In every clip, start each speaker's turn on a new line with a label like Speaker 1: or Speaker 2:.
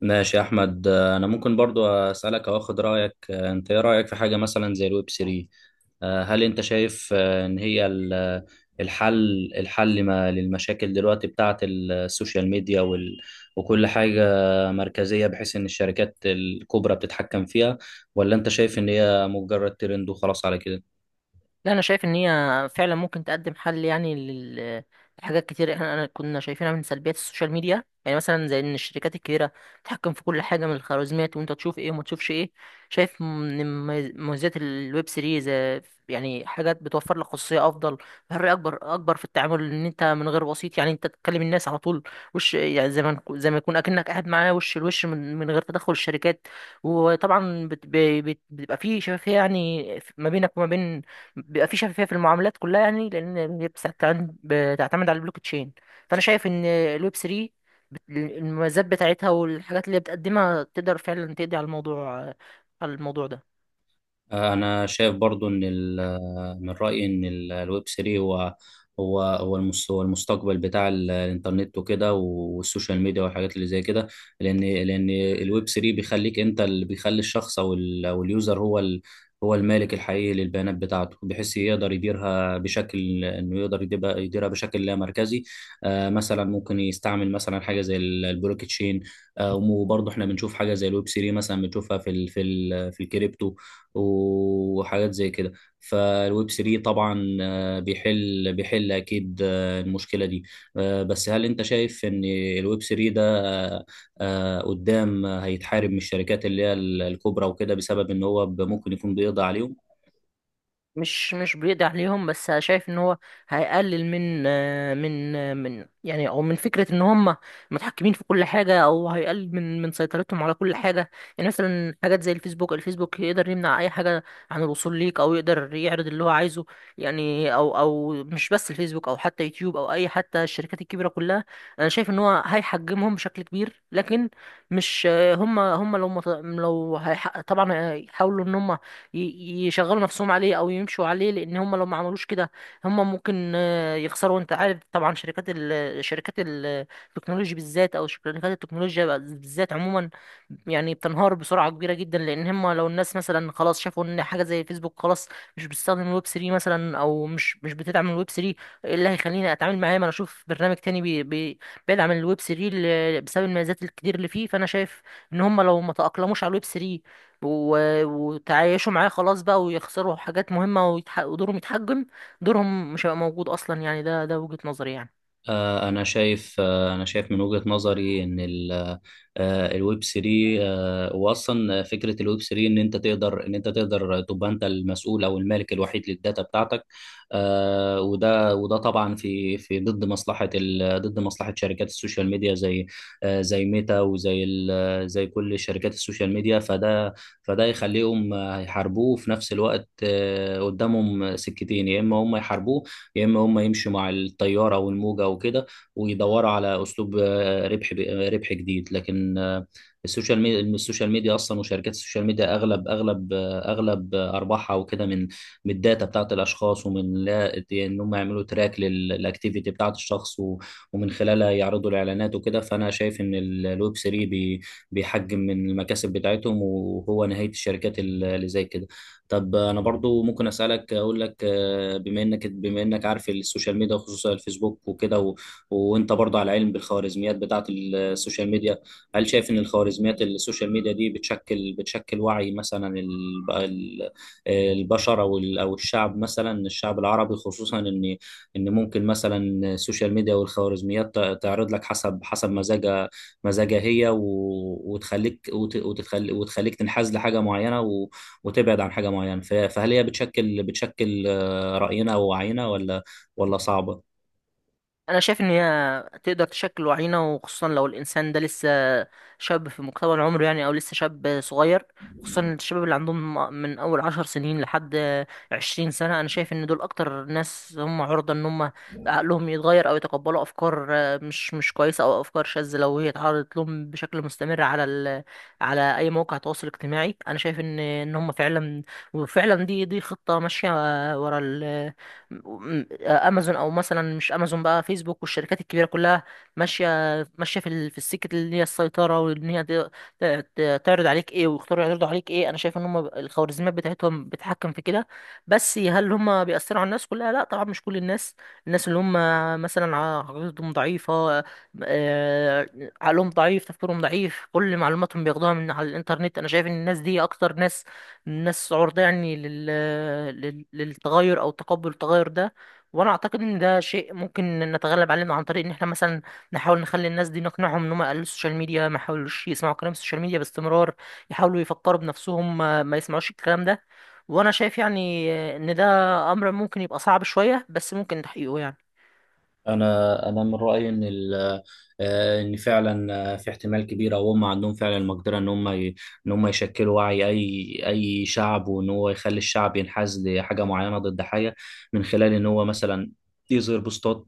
Speaker 1: ماشي يا احمد، انا ممكن برضو اسالك او اخد رايك. انت ايه رايك في حاجه مثلا زي الويب 3؟ هل انت شايف ان هي الحل ما للمشاكل دلوقتي بتاعه السوشيال ميديا وكل حاجه مركزيه، بحيث ان الشركات الكبرى بتتحكم فيها؟ ولا انت شايف ان هي مجرد ترند وخلاص على كده؟
Speaker 2: لا انا شايف ان هي فعلا ممكن تقدم حل يعني لحاجات كتير احنا أنا كنا شايفينها من سلبيات السوشيال ميديا، يعني مثلا زي ان الشركات الكبيره تتحكم في كل حاجه من الخوارزميات، وانت تشوف ايه وما تشوفش ايه. شايف من مميزات الويب سيريز، يعني حاجات بتوفر لك خصوصيه افضل، حريه اكبر في التعامل، ان انت من غير وسيط. يعني انت تتكلم الناس على طول. وش يعني زي ما يكون اكنك قاعد معاه وش لوش من غير تدخل الشركات. وطبعا بتبقى في شفافية، يعني ما بينك وما بين، بيبقى في شفافية في المعاملات كلها، يعني لأن هي بتعتمد على البلوك تشين. فأنا شايف إن الويب 3، المميزات بتاعتها والحاجات اللي هي بتقدمها، تقدر فعلا تقضي على الموضوع ده.
Speaker 1: انا شايف برضو ان من رايي ان الويب 3 هو هو هو المستقبل بتاع الانترنت وكده والسوشيال ميديا والحاجات اللي زي كده، لان الويب 3 بيخليك انت، اللي بيخلي الشخص او اليوزر هو هو المالك الحقيقي للبيانات بتاعته، بحيث يقدر يديرها بشكل انه يقدر يديرها بشكل لا مركزي. مثلا ممكن يستعمل مثلا حاجه زي البلوك تشين. وبرضه احنا بنشوف حاجه زي الويب 3 مثلا، بنشوفها في الكريبتو وحاجات زي كده. فالويب 3 طبعا بيحل اكيد المشكله دي. بس هل انت شايف ان الويب 3 ده قدام هيتحارب من الشركات اللي هي الكبرى وكده، بسبب ان هو ممكن يكون بيقضي عليهم؟
Speaker 2: مش بيقضي عليهم، بس شايف ان هو هيقلل من يعني، او من فكره ان هم متحكمين في كل حاجه، او هيقلل من سيطرتهم على كل حاجه. يعني مثلا حاجات زي الفيسبوك يقدر يمنع اي حاجه عن الوصول ليك، او يقدر يعرض اللي هو عايزه. يعني او مش بس الفيسبوك، او حتى يوتيوب، او اي حتى الشركات الكبيره كلها، انا شايف ان هو هيحجمهم بشكل كبير. لكن مش هم هم لو مت- لو هيح- طبعا هيحاولوا ان هم يشغلوا نفسهم عليه او يمشوا عليه، لان هم لو ما عملوش كده هم ممكن يخسروا. انت عارف طبعا شركات شركات التكنولوجي بالذات، او شركات التكنولوجيا بالذات عموما، يعني بتنهار بسرعه كبيره جدا، لان هم لو الناس مثلا خلاص شافوا ان حاجه زي فيسبوك خلاص مش بتستخدم الويب 3 مثلا، او مش بتدعم الويب 3، ايه اللي هيخليني اتعامل معاه؟ ما انا اشوف برنامج تاني بي بيدعم الويب 3 بسبب المميزات الكتير اللي فيه. فانا شايف ان هم لو ما تاقلموش على الويب 3 وتعايشوا معاه، خلاص بقى، ويخسروا حاجات مهمة، ودورهم يتحجم. دورهم مش هيبقى موجود أصلا، يعني ده وجهة نظري يعني.
Speaker 1: أنا شايف من وجهة نظري إن الويب 3، وأصلا فكرة الويب 3 إن أنت تقدر تبقى أنت المسؤول أو المالك الوحيد للداتا بتاعتك. وده طبعا في ضد ضد مصلحة شركات السوشيال ميديا، زي زي ميتا زي كل شركات السوشيال ميديا. فده يخليهم يحاربوه. في نفس الوقت قدامهم سكتين: يا إما هم يحاربوه، يا اما هم يمشوا مع التياره والموجه وكده ويدوروا على اسلوب ربح جديد. لكن السوشيال ميديا اصلا، وشركات السوشيال ميديا اغلب اغلب آه، اغلب آه، ارباحها وكده من الداتا بتاعت الاشخاص، ومن لا ان هم يعملوا تراك للاكتيفيتي بتاعت الشخص ومن خلالها يعرضوا الاعلانات وكده. فانا شايف ان الويب 3 بيحجم من المكاسب بتاعتهم، وهو نهايه الشركات اللي زي كده. طب انا برضو ممكن اسالك اقول لك بما انك عارف السوشيال ميديا، وخصوصا الفيسبوك وكده وانت برضو على علم بالخوارزميات بتاعه السوشيال ميديا، هل شايف ان الخوارزميات السوشيال ميديا دي بتشكل وعي مثلا البشر، او او الشعب، مثلا الشعب العربي؟ خصوصا ان ان ممكن مثلا السوشيال ميديا والخوارزميات تعرض لك حسب مزاجها. هي و... وتخليك وت... وتخليك وتخليك تنحاز لحاجه معينه، وتبعد عن حاجة معينة. فهل هي بتشكل رأينا ووعينا، ولا صعبة؟
Speaker 2: انا شايف ان هي تقدر تشكل وعينا، وخصوصا لو الانسان ده لسه شاب في مقتبل عمره، يعني او لسه شاب صغير. خصوصا الشباب اللي عندهم من اول 10 سنين لحد 20 سنة، انا شايف ان دول اكتر ناس هم عرضة ان هم عقلهم يتغير، او يتقبلوا افكار مش كويسة، او افكار شاذة، لو هي اتعرضت لهم بشكل مستمر على على اي موقع تواصل اجتماعي. انا شايف ان هم فعلا، وفعلا دي خطة ماشية ورا امازون، او مثلا مش امازون بقى، فيسبوك والشركات الكبيره كلها، ماشيه ماشيه في في السكه اللي هي السيطره، وان هي تعرض عليك ايه، ويختاروا يعرضوا عليك ايه. انا شايف ان هم الخوارزميات بتاعتهم بتتحكم في كده. بس هل هم بيأثروا على الناس كلها؟ لا طبعا، مش كل الناس. الناس اللي هم مثلا عقليتهم ضعيفه، آه، عقلهم ضعيف، تفكيرهم ضعيف، كل معلوماتهم بياخدوها من على الانترنت، انا شايف ان الناس دي اكتر ناس، الناس عرضة يعني للتغير، او تقبل التغير ده. وانا اعتقد ان ده شيء ممكن نتغلب عليه، عن طريق ان احنا مثلا نحاول نخلي الناس دي نقنعهم ان هم يقللوا السوشيال ميديا، ما يحاولوش يسمعوا كلام السوشيال ميديا باستمرار، يحاولوا يفكروا بنفسهم، ما يسمعوش الكلام ده. وانا شايف يعني ان ده امر ممكن يبقى صعب شوية، بس ممكن تحقيقه يعني.
Speaker 1: انا من رايي ان فعلا في احتمال كبير، او هم عندهم فعلا المقدره ان هم يشكلوا وعي اي شعب، وان هو يخلي الشعب ينحاز لحاجه معينه ضد حاجه، من خلال ان هو مثلا يظهر بوستات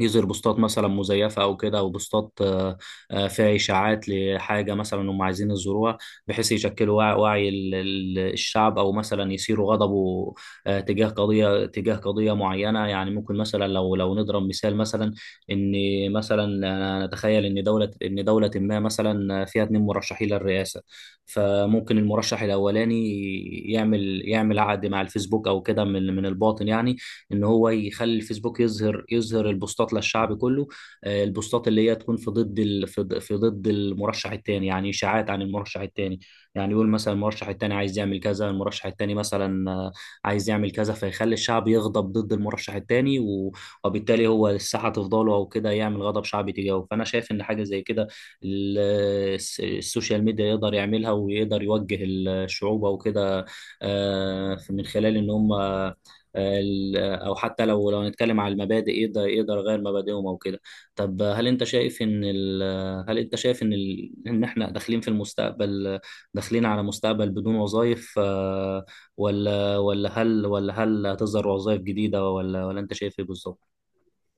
Speaker 1: يظهر بوستات مثلا مزيفه او كده، او بوستات فيها اشاعات لحاجه مثلا هم عايزين يزوروها، بحيث يشكلوا وعي الشعب، او مثلا يثيروا غضبه تجاه قضيه معينه. يعني ممكن مثلا لو نضرب مثال. مثلا ان مثلا أنا نتخيل ان دوله ما مثلا فيها اتنين مرشحين للرئاسه. فممكن المرشح الاولاني يعمل عقد مع الفيسبوك او كده، من الباطن يعني، ان هو يخلي الفيسبوك يظهر البوستات للشعب كله، البوستات اللي هي تكون في ضد ال... في ض- في ضد المرشح الثاني، يعني اشاعات عن المرشح الثاني. يعني يقول مثلا المرشح الثاني عايز يعمل كذا، المرشح الثاني مثلا عايز يعمل كذا، فيخلي الشعب يغضب ضد المرشح الثاني، وبالتالي هو الساحه تفضله او كده، يعمل غضب شعبي تجاهه. فانا شايف ان حاجه زي كده ال- السوشيال ميديا يقدر يعملها، ويقدر يوجه الشعوب او كده من خلال ان هم. او حتى لو نتكلم على المبادئ، يقدر يغير مبادئهم او كده. طب هل انت شايف ان ال... هل انت شايف ان ال... ان احنا داخلين في المستقبل، على مستقبل بدون وظائف؟ ولا هل هتظهر وظائف جديدة؟ ولا انت شايف ايه بالظبط؟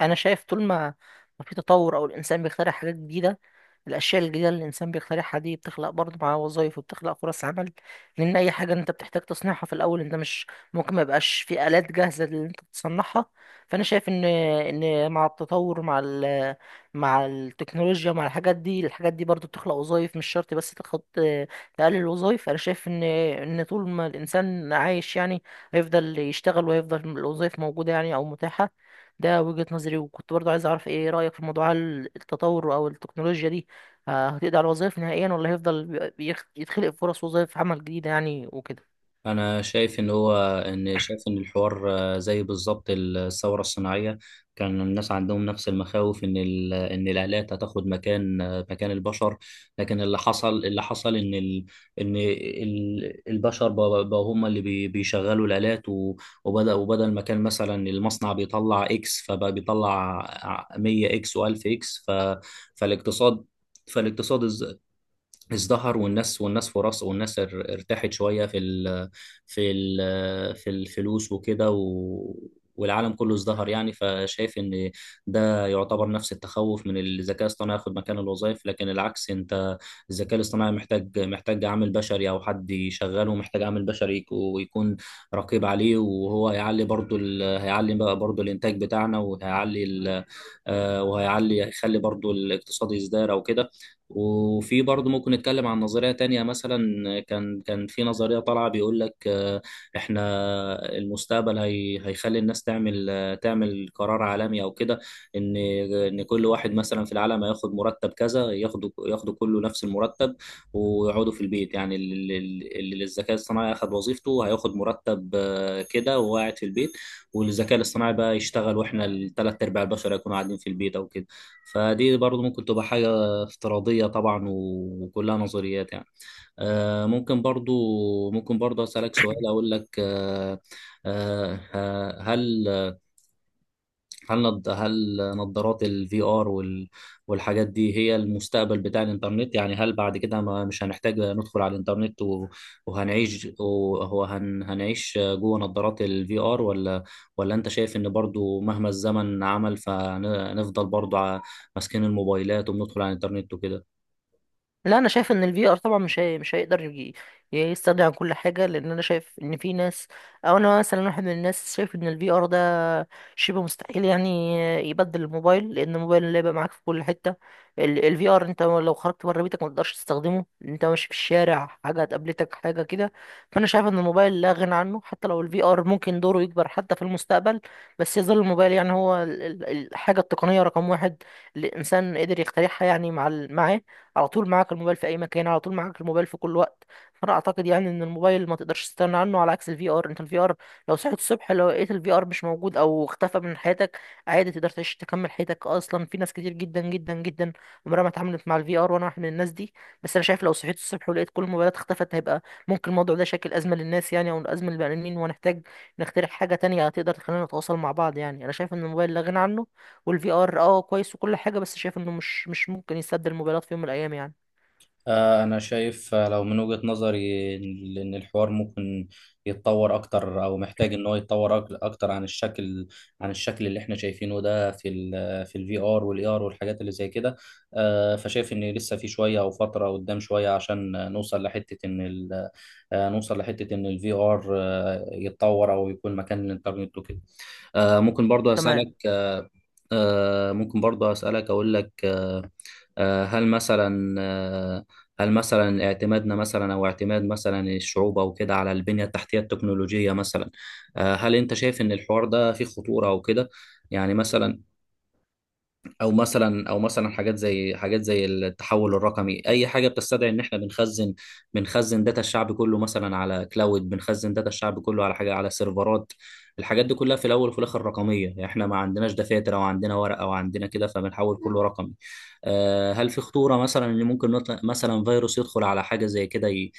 Speaker 2: انا شايف طول ما في تطور، او الانسان بيخترع حاجات جديدة، الاشياء الجديده اللي الانسان بيخترعها دي بتخلق برضه معاه وظايف، وبتخلق فرص عمل. لان اي حاجه انت بتحتاج تصنيعها في الاول، انت مش ممكن ما يبقاش في الات جاهزه اللي انت تصنعها. فانا شايف ان مع التطور، مع مع التكنولوجيا، مع الحاجات دي، الحاجات دي برضه بتخلق وظايف، مش شرط بس تاخد، تقلل الوظايف. انا شايف ان طول ما الانسان عايش يعني هيفضل يشتغل، وهيفضل الوظايف موجوده يعني، او متاحه. ده وجهة نظري. وكنت برضو عايز اعرف ايه رأيك في موضوع التطور او التكنولوجيا دي، هتقضي على الوظائف نهائيا، ولا هيفضل يتخلق فرص وظائف عمل جديدة يعني وكده؟
Speaker 1: انا شايف ان الحوار زي بالظبط الثوره الصناعيه. كان الناس عندهم نفس المخاوف ان ان الالات هتاخد مكان البشر، لكن اللي حصل ان ال ان ال البشر بقوا هم اللي بيشغلوا الالات، و- وبدا وبدل ما كان مثلا المصنع بيطلع اكس، فبقى بيطلع 100 اكس و1000 اكس. ف فالاقتصاد فالاقتصاد ازدهر، والناس ارتاحت شويه في الفلوس وكده، والعالم كله ازدهر يعني. فشايف ان ده يعتبر نفس التخوف من الذكاء الاصطناعي ياخد مكان الوظائف، لكن العكس. انت الذكاء الاصطناعي محتاج عامل بشري او حد يشغله، محتاج عامل بشري ويكون رقيب عليه، وهو هيعلي بقى برضو الانتاج بتاعنا، وهيعلي ال... آه، وهيعلي هيخلي برضو الاقتصاد يزدهر او كده. وفي برضه ممكن نتكلم عن نظرية تانية. مثلا كان في نظرية طالعة بيقول لك احنا المستقبل هيخلي الناس تعمل تعمل قرار عالمي او كده، ان ان كل واحد مثلا في العالم هياخد مرتب كذا، ياخدوا كله نفس المرتب، ويقعدوا في البيت. يعني اللي الذكاء الصناعي اخد وظيفته هياخد مرتب كده، وهو قاعد في البيت، والذكاء الاصطناعي بقى يشتغل، واحنا الثلاث ارباع البشر هيكونوا قاعدين في البيت او كده. فدي برضه ممكن تبقى حاجة افتراضية طبعا، وكلها نظريات يعني. ممكن برضو أسألك سؤال. أقول لك هل هل نظارات الفي ار والحاجات دي هي المستقبل بتاع الإنترنت؟ يعني هل بعد كده ما مش هنحتاج ندخل على الإنترنت، وهنعيش هنعيش جوه نظارات الفي ار؟ ولا أنت شايف إن برضو مهما الزمن عمل فنفضل برضو ماسكين الموبايلات وبندخل على الإنترنت وكده؟
Speaker 2: لا انا شايف ان الفي ار طبعا مش هيقدر يجي يستغني عن كل حاجه. لان انا شايف ان في ناس، او انا مثلا واحد من الناس، شايف ان الفي ار ده شبه مستحيل يعني يبدل الموبايل. لان الموبايل اللي هيبقى معاك في كل حته، الفي ار انت لو خرجت بره بيتك ما تقدرش تستخدمه، انت ماشي في الشارع حاجه قابلتك حاجه كده. فانا شايف ان الموبايل لا غنى عنه، حتى لو الفي ار ممكن دوره يكبر حتى في المستقبل، بس يظل الموبايل يعني هو الحاجه التقنيه رقم 1 اللي الانسان قدر يخترعها يعني، مع معاه. على طول معاك الموبايل في اي مكان، على طول معاك الموبايل في كل وقت. فانا اعتقد يعني ان الموبايل ما تقدرش تستغنى عنه، على عكس الفي ار. انت الفي ار لو صحيت الصبح لو لقيت الفي ار مش موجود او اختفى من حياتك، عادي تقدر تعيش تكمل حياتك. اصلا في ناس كتير جدا جدا جدا عمرها ما اتعاملت مع الفي ار، وانا واحد من الناس دي. بس انا شايف لو صحيت الصبح ولقيت كل الموبايلات اختفت، هيبقى ممكن الموضوع ده شكل ازمه للناس يعني، او ازمه للبني ادمين، وهنحتاج نخترع حاجه تانية تقدر تخلينا نتواصل مع بعض. يعني انا شايف ان الموبايل لا غنى عنه، والفي ار اه كويس وكل حاجه، بس شايف انه مش ممكن يسد الموبايلات في يوم من الايام يعني.
Speaker 1: آه، أنا شايف آه، لو من وجهة نظري إن الحوار ممكن يتطور أكتر، أو محتاج إن هو يتطور أكتر عن الشكل، اللي إحنا شايفينه ده في الفي آر والإي آر والحاجات اللي زي كده. فشايف إن لسه في شوية أو فترة قدام شوية عشان نوصل لحتة إن الفي آر يتطور أو يكون مكان الإنترنت وكده. آه، ممكن برضو
Speaker 2: تمام.
Speaker 1: أسألك آه، ممكن برضو أسألك أقول لك آه، هل مثلا آه، هل مثلا اعتمادنا مثلا، او اعتماد مثلا الشعوب او كده على البنية التحتية التكنولوجية مثلا، هل انت شايف ان الحوار ده فيه خطورة او كده؟ يعني مثلا، او مثلا حاجات زي التحول الرقمي، اي حاجه بتستدعي ان احنا بنخزن داتا الشعب كله، مثلا على كلاود، بنخزن داتا الشعب كله على حاجه، على سيرفرات. الحاجات دي كلها في الاول وفي الاخر رقميه، يعني احنا ما عندناش دفاتر او عندنا ورق او عندنا كده، فبنحول كله رقمي. هل في خطوره مثلا ان ممكن نطلع مثلا فيروس يدخل على حاجه زي كده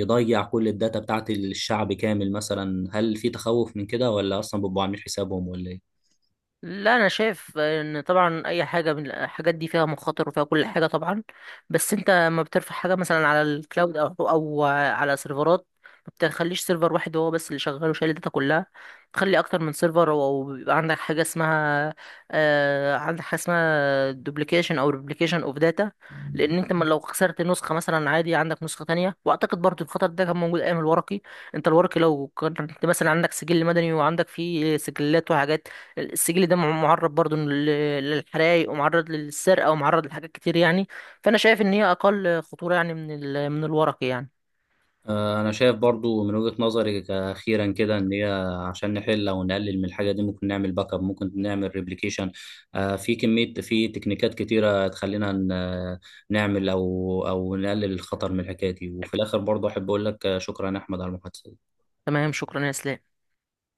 Speaker 1: يضيع كل الداتا بتاعت الشعب كامل مثلا؟ هل في تخوف من كده، ولا اصلا بيبقوا عاملين حسابهم، ولا ايه؟
Speaker 2: لا انا شايف ان طبعا اي حاجه من الحاجات دي فيها مخاطر وفيها كل حاجه طبعا. بس انت ما بترفع حاجه مثلا على الكلاود، او على سيرفرات، ما بتخليش سيرفر واحد هو بس اللي شغال وشايل الداتا كلها. تخلي اكتر من سيرفر، او بيبقى عندك حاجه اسمها، عندك حاجه اسمها دوبليكيشن او ريبليكيشن اوف داتا. لان انت ما لو خسرت نسخه مثلا، عادي، عندك نسخه تانية. واعتقد برضو الخطر ده كان موجود ايام الورقي. انت الورقي لو كنت مثلا عندك سجل مدني وعندك فيه سجلات وحاجات، السجل ده معرض برضو للحرايق، ومعرض للسرقة، ومعرض لحاجات كتير يعني. فأنا شايف إن هي أقل خطورة يعني من الورقي يعني.
Speaker 1: أنا شايف برضو من وجهة نظري، أخيرا كده، إن هي عشان نحل أو نقلل من الحاجة دي ممكن نعمل باك اب، ممكن نعمل ريبليكيشن. في كمية، في تكنيكات كتيرة تخلينا نعمل أو نقلل الخطر من الحكاية دي. وفي الآخر برضو أحب أقول لك شكرا يا أحمد على المحادثة دي.
Speaker 2: تمام، شكرا يا إسلام.